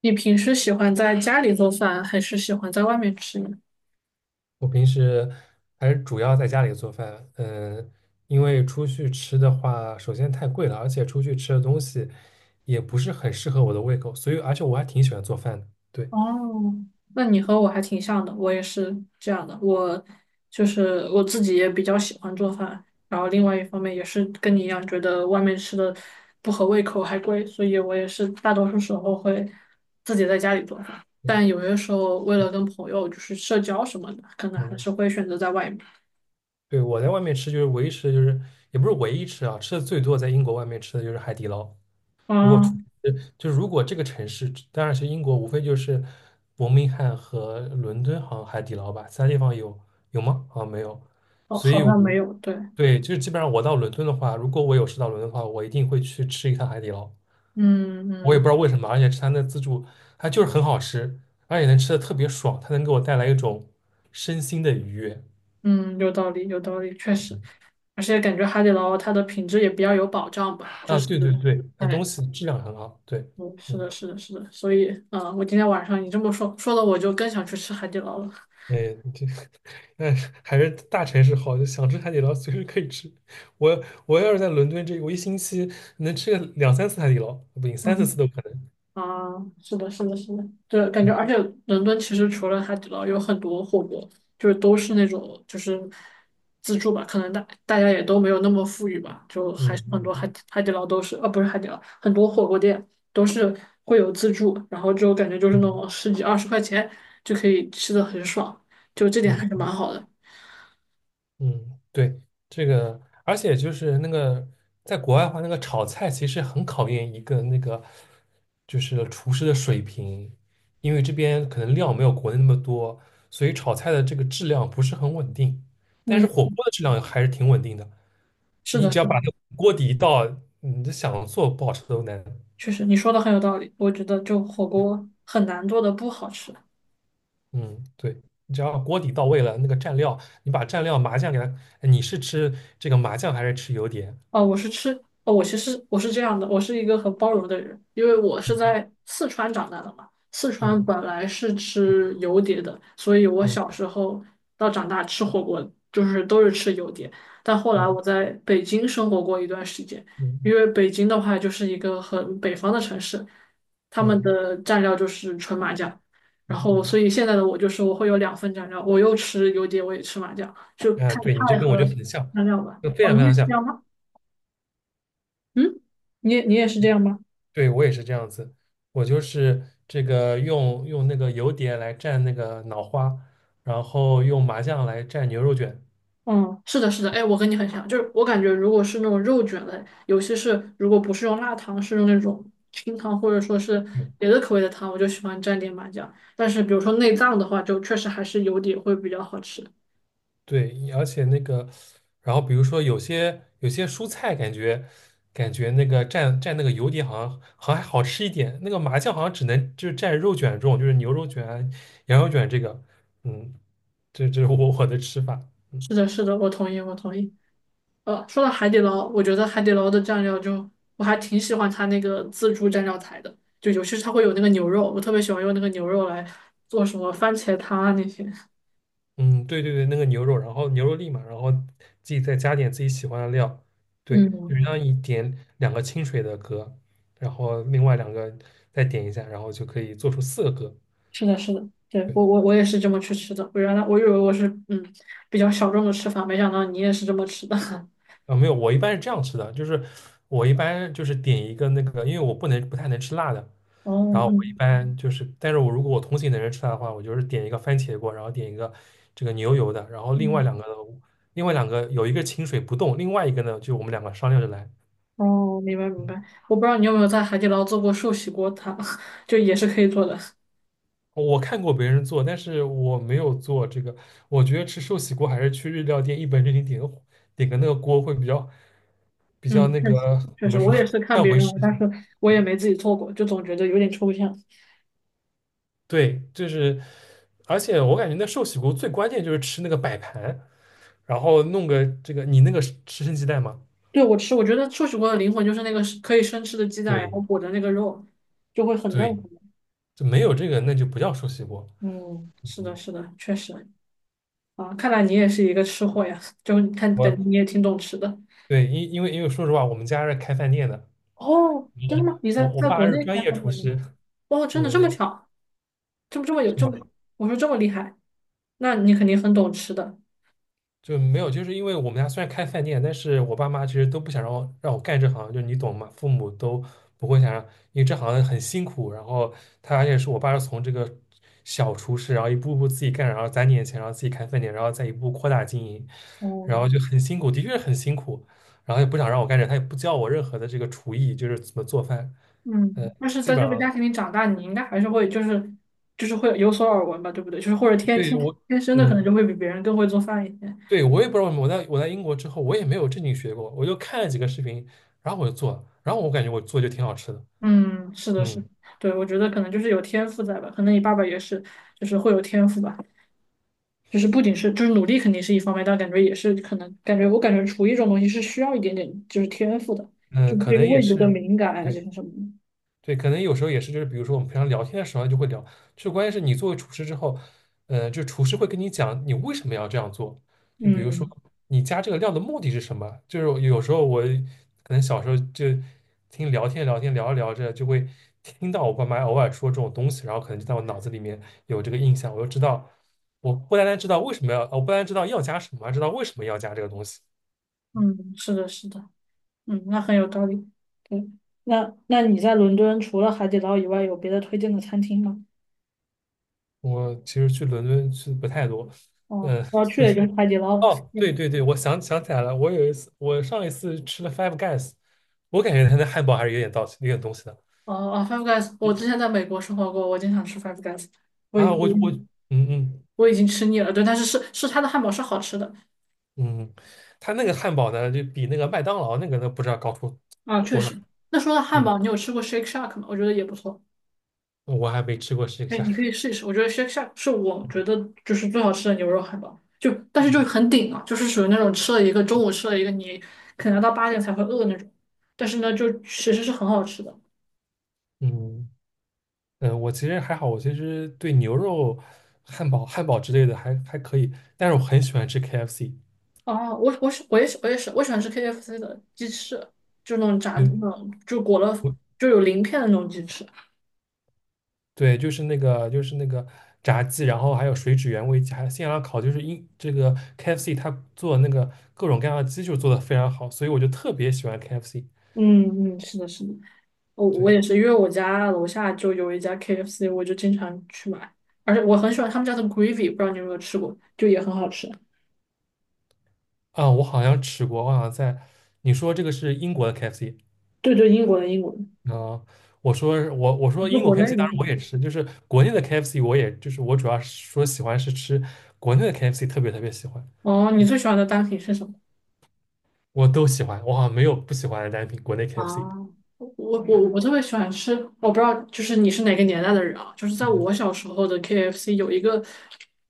你平时喜欢在家里做饭，还是喜欢在外面吃呢？我平时还是主要在家里做饭，因为出去吃的话，首先太贵了，而且出去吃的东西也不是很适合我的胃口，所以而且我还挺喜欢做饭的。对。哦，那你和我还挺像的，我也是这样的。我就是我自己也比较喜欢做饭，然后另外一方面也是跟你一样，觉得外面吃的不合胃口还贵，所以我也是大多数时候会自己在家里做饭。嗯但有些时候为了跟朋友就是社交什么的，可能还嗯。是会选择在外面。对，我在外面吃就是唯一吃的就是也不是唯一吃啊，吃的最多在英国外面吃的就是海底捞。如果出啊，呃就是如果这个城市，当然是英国，无非就是伯明翰和伦敦，好像海底捞吧，其他地方有吗？好像没有。哦，所以好我，像没有，对，对，就是基本上我到伦敦的话，如果我有事到伦敦的话，我一定会去吃一趟海底捞。嗯我也不知嗯。道为什么，而且吃它的自助，它就是很好吃，而且能吃的特别爽，它能给我带来一种身心的愉悦。嗯，有道理，有道理，确实，嗯而且感觉海底捞它的品质也比较有保障吧，就啊，是，对对对，它东哎，西质量很好。对。嗯，是的，嗯。是的，是的，所以，嗯，我今天晚上你这么说，说的我就更想去吃海底捞了。哎。这但是还是大城市好，就想吃海底捞随时可以吃。我要是在伦敦这个，我一星期能吃个两三次海底捞，不行，三四次 都可能。啊，是的，是的，是的，对，感觉，嗯而且伦敦其实除了海底捞，有很多火锅，就是都是那种就是自助吧，可能大家也都没有那么富裕吧，就还是很多海嗯底海底捞都是，不是海底捞，很多火锅店都是会有自助，然后就感觉就是那种嗯十几二十块钱就可以吃的很爽，就这点嗯还是蛮好的。嗯。对，这个，而且就是那个在国外的话，那个炒菜其实很考验一个那个就是厨师的水平，因为这边可能料没有国内那么多，所以炒菜的这个质量不是很稳定。但是嗯，火锅的质量还是挺稳定的，是你的，是只要把的，那个锅底倒，你就想做不好吃都难。确实你说的很有道理，我觉得就火锅很难做的不好吃。嗯，对，你只要锅底到位了，那个蘸料，你把蘸料麻酱给它，哎你是吃这个麻酱还是吃油碟？哦，我是吃，哦，我其实我是这样的，我是一个很包容的人，因为我是在四川长大的嘛。四川嗯本来是吃油碟的，所以我小嗯时候到长大吃火锅就是都是吃油碟。但后来嗯我在北京生活过一段时间，因嗯为北京的话就是一个很北方的城市，他们嗯的蘸料就是纯麻酱，嗯然后嗯。所嗯，以现在的我就是我会有两份蘸料，我又吃油碟，我也吃麻酱，就哎，看对你这菜跟我和就很像，蘸料吧。就非哦，常非你也常是这像。样吗？嗯，你也是这样吗？对我也是这样子，我就是这个用那个油碟来蘸那个脑花，然后用麻酱来蘸牛肉卷。嗯，是的，是的，哎，我跟你很像，就是我感觉如果是那种肉卷类，尤其是如果不是用辣汤，是用那种清汤或者说是别的口味的汤，我就喜欢蘸点麻酱。但是比如说内脏的话，就确实还是油底会比较好吃。对，而且那个，然后比如说有些蔬菜，感觉那个蘸那个油碟好像还好吃一点，那个麻酱好像只能就是蘸肉卷这种，就是牛肉卷啊、羊肉卷这个。嗯。这是我的吃法。嗯。是的，是的，我同意，我同意。说到海底捞，我觉得海底捞的蘸料就我还挺喜欢它那个自助蘸料台的，就尤其是它会有那个牛肉，我特别喜欢用那个牛肉来做什么番茄汤啊那些。嗯，对对对，那个牛肉，然后牛肉粒嘛，然后自己再加点自己喜欢的料，对，就嗯。是让你点两个清水的格，然后另外两个再点一下，然后就可以做出四个格。是的，是的，对，我也是这么去吃的。我原来我以为我是比较小众的吃法，没想到你也是这么吃的。啊，没有，我一般是这样吃的，就是我一般就是点一个那个，因为我不能不太能吃辣的，然哦，后我一嗯般就是，但是我如果我同行的人吃辣的话，我就是点一个番茄锅，然后点一个这个牛油的，然后另外嗯，两个另外两个有一个清水不动，另外一个呢就我们两个商量着来。哦，明白明嗯。白。我不知道你有没有在海底捞做过寿喜锅汤，就也是可以做的。我看过别人做，但是我没有做这个，我觉得吃寿喜锅还是去日料店一本正经点个那个锅会比较比较嗯，那确实个怎确实，么说，我也是 看干别回人，事。但是我也没自己做过，就总觉得有点抽象。对，就是，而且我感觉那寿喜锅最关键就是吃那个摆盘，然后弄个这个，你那个是吃生鸡蛋吗？对，我吃，我觉得寿喜锅的灵魂就是那个是可以生吃的鸡蛋，然后对。裹着那个肉，就会很嫩很对，嫩。就没有这个那就不叫寿喜锅。嗯，是的，嗯。是的，确实。啊，看来你也是一个吃货呀，就看感我，觉你也挺懂吃的。对，因为说实话，我们家是开饭店的，哦，真的吗？你在我在爸国是内专开业饭厨店吗？师。哦，真的这么嗯，巧，这么这么有这么，我说这么厉害，那你肯定很懂吃的。就没有，就是因为我们家虽然开饭店，但是我爸妈其实都不想让我干这行，就你懂吗？父母都不会想让，因为这行很辛苦。然后他而且是我爸是从这个小厨师，然后一步步自己干，然后攒点钱，然后自己开饭店，然后再一步扩大经营，哦，然后就很辛苦，的确是很辛苦。然后也不想让我干这，他也不教我任何的这个厨艺，就是怎么做饭，呃，嗯，但是基在本这个家上庭里长大，你应该还是会就是就是会有所耳闻吧，对不对？就是或者天对天我。天生的可能嗯。就会比别人更会做饭一些。对，我也不知道为什么我在英国之后，我也没有正经学过，我就看了几个视频，然后我就做了，然后我感觉我做就挺好吃的。嗯，是的，是的，嗯对，我觉得可能就是有天赋在吧，可能你爸爸也是，就是会有天赋吧。就是不仅是就是努力肯定是一方面，但感觉也是可能我感觉厨艺这种东西是需要一点点就是天赋的，嗯。就是可个能也味觉的是，敏感啊这对，些什么的。对，可能有时候也是，就是比如说我们平常聊天的时候就会聊，就关键是你作为厨师之后，就厨师会跟你讲你为什么要这样做，就比如说嗯你加这个料的目的是什么，就是有时候我可能小时候就听聊天聊着聊着就会听到我爸妈偶尔说这种东西，然后可能就在我脑子里面有这个印象，我就知道，我不单单知道为什么要，我不单单知道要加什么，还知道为什么要加这个东西。嗯，是的，是的，嗯，那很有道理。对，那你在伦敦除了海底捞以外，有别的推荐的餐厅吗？我其实去伦敦去不太多。哦，我 要去所以。的就是海底捞了哦，对嗯，对对，我想想起来了，我有一次，我上一次吃了 Five Guys，我感觉他那汉堡还是有点东西的。哦哦，Five Guys，我之前在美国生活过，我经常吃 Five Guys，我已啊，嗯经嗯我已经吃腻了。对，但是是它的汉堡是好吃的。嗯，他那个汉堡呢，就比那个麦当劳那个呢，不知道高出啊，确多少。实。那说到汉嗯，堡，你有吃过 Shake Shack 吗？我觉得也不错。我还没吃过这个哎，价你可格。以试一试。我觉得 Shake Shack 是我觉得就是最好吃的牛肉汉堡，就但是嗯就很顶啊，就是属于那种吃了一个中午吃了一个，你可能要到八点才会饿那种。但是呢，就其实是很好吃的。嗯，我其实还好，我其实对牛肉、汉堡、之类的还还可以，但是我很喜欢吃 KFC。哦，我我喜我也是我也是，我喜欢吃 KFC 的鸡翅，就那种炸的嗯那种，就裹了就有鳞片的那种鸡翅。对，就是那个炸鸡，然后还有水煮原味鸡，还有现场烤，就是英这个 KFC 它做那个各种各样的鸡就做的非常好，所以我就特别喜欢 KFC。嗯嗯，是的，是的。我我对，也是，因为我家楼下就有一家 KFC，我就经常去买，而且我很喜欢他们家的 gravy，不知道你有没有吃过，就也很好吃。啊，我好像吃过，我好像在你说这个是英国的 KFC。 对对，英国的英国的，啊，我说就英国 国内 KFC 的当是然吗？我也吃，就是国内的 KFC 我也就是我主要是说喜欢是吃国内的 KFC，特别特别喜欢。哦，你最喜欢的单品是什么？我都喜欢，我好像没有不喜欢的单品，国内 啊，KFC。我我特别喜欢吃，我不知道就是你是哪个年代的人啊？就是在嗯。我小时候的 KFC 有一个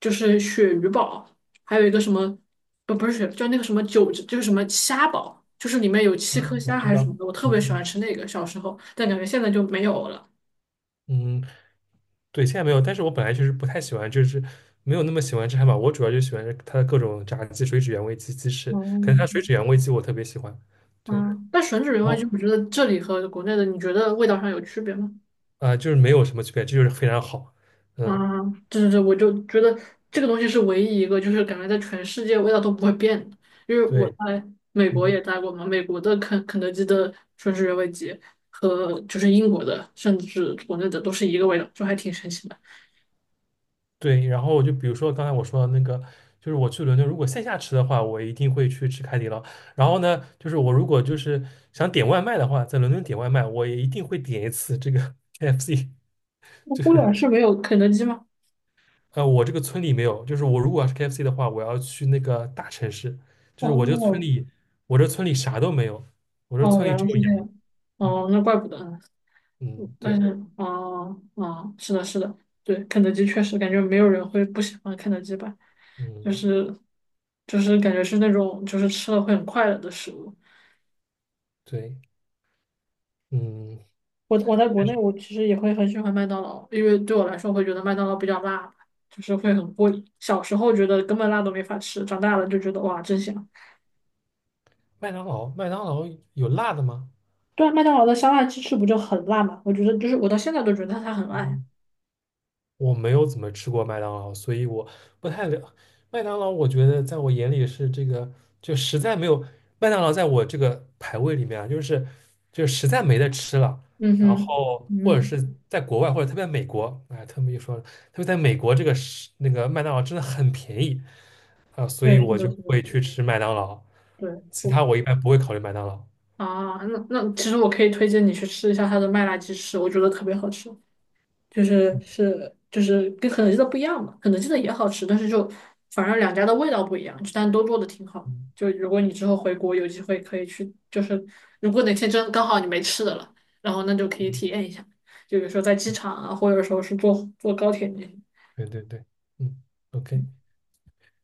就是鳕鱼堡，还有一个什么不是鳕，就那个什么九就是什么虾堡，就是里面有七啊，颗我虾知还是什道。么的，我特嗯别喜欢嗯。吃那个小时候，但感觉现在就没有了。嗯对，现在没有，但是我本来就是不太喜欢，就是没有那么喜欢吃汉堡，我主要就喜欢它的各种炸鸡、水煮原味鸡、鸡翅，可能它水哦，煮原味鸡我特别喜欢，对，然嗯，但吮指原味就后我觉得这里和国内的你觉得味道上有区别吗？就是没有什么区别，这就是非常好。嗯。啊，对对对，我就觉得这个东西是唯一一个，就是感觉在全世界味道都不会变的。因为我对。在美国嗯也待过嘛，美国的肯德基的吮指原味鸡和就是英国的，甚至国内的都是一个味道，就还挺神奇的。对，然后我就比如说刚才我说的那个，就是我去伦敦如果线下吃的话，我一定会去吃海底捞，然后呢，就是我如果就是想点外卖的话，在伦敦点外卖，我也一定会点一次这个 KFC。那波兰是没有肯德基吗？我这个村里没有，就是我如果要是 KFC 的话，我要去那个大城市，就是我这个村哦，里，我这村里啥都没有，我这哦，村里原来只有是这羊。样。嗯哦，那怪不得。嗯。但对。是哦，哦，是的，是的，对，肯德基确实感觉没有人会不喜欢肯德基吧，就嗯是就是感觉是那种就是吃了会很快乐的食物。对。嗯。我在国但内是我其实也会很喜欢麦当劳，因为对我来说我会觉得麦当劳比较辣，就是会很过瘾。小时候觉得根本辣都没法吃，长大了就觉得哇真香。麦当劳有辣的吗？对啊麦当劳的香辣鸡翅不就很辣嘛？我觉得就是我到现在都觉得它很辣呀。嗯我没有怎么吃过麦当劳，所以我不太了。麦当劳，我觉得在我眼里是这个，就实在没有麦当劳在我这个排位里面啊，就是就实在没得吃了。嗯然哼，后或者嗯，是在国外，或者特别美国，哎，他们一说了，特别在美国这个是那个麦当劳真的很便宜啊，所以对，是我的，就是的，会去吃麦当劳。对。其我。他我一般不会考虑麦当劳。啊，那其实我可以推荐你去吃一下它的麦辣鸡翅，我觉得特别好吃，就是嗯是就是跟肯德基的不一样嘛，肯德基的也好吃，但是就反正两家的味道不一样，但都做的挺好的。嗯就如果你之后回国有机会可以去，就是如果哪天真刚好你没吃的了，然后那就可以嗯。体嗯验一下，就比如说在机场啊，或者说是坐高铁，那些。对对对。嗯，OK。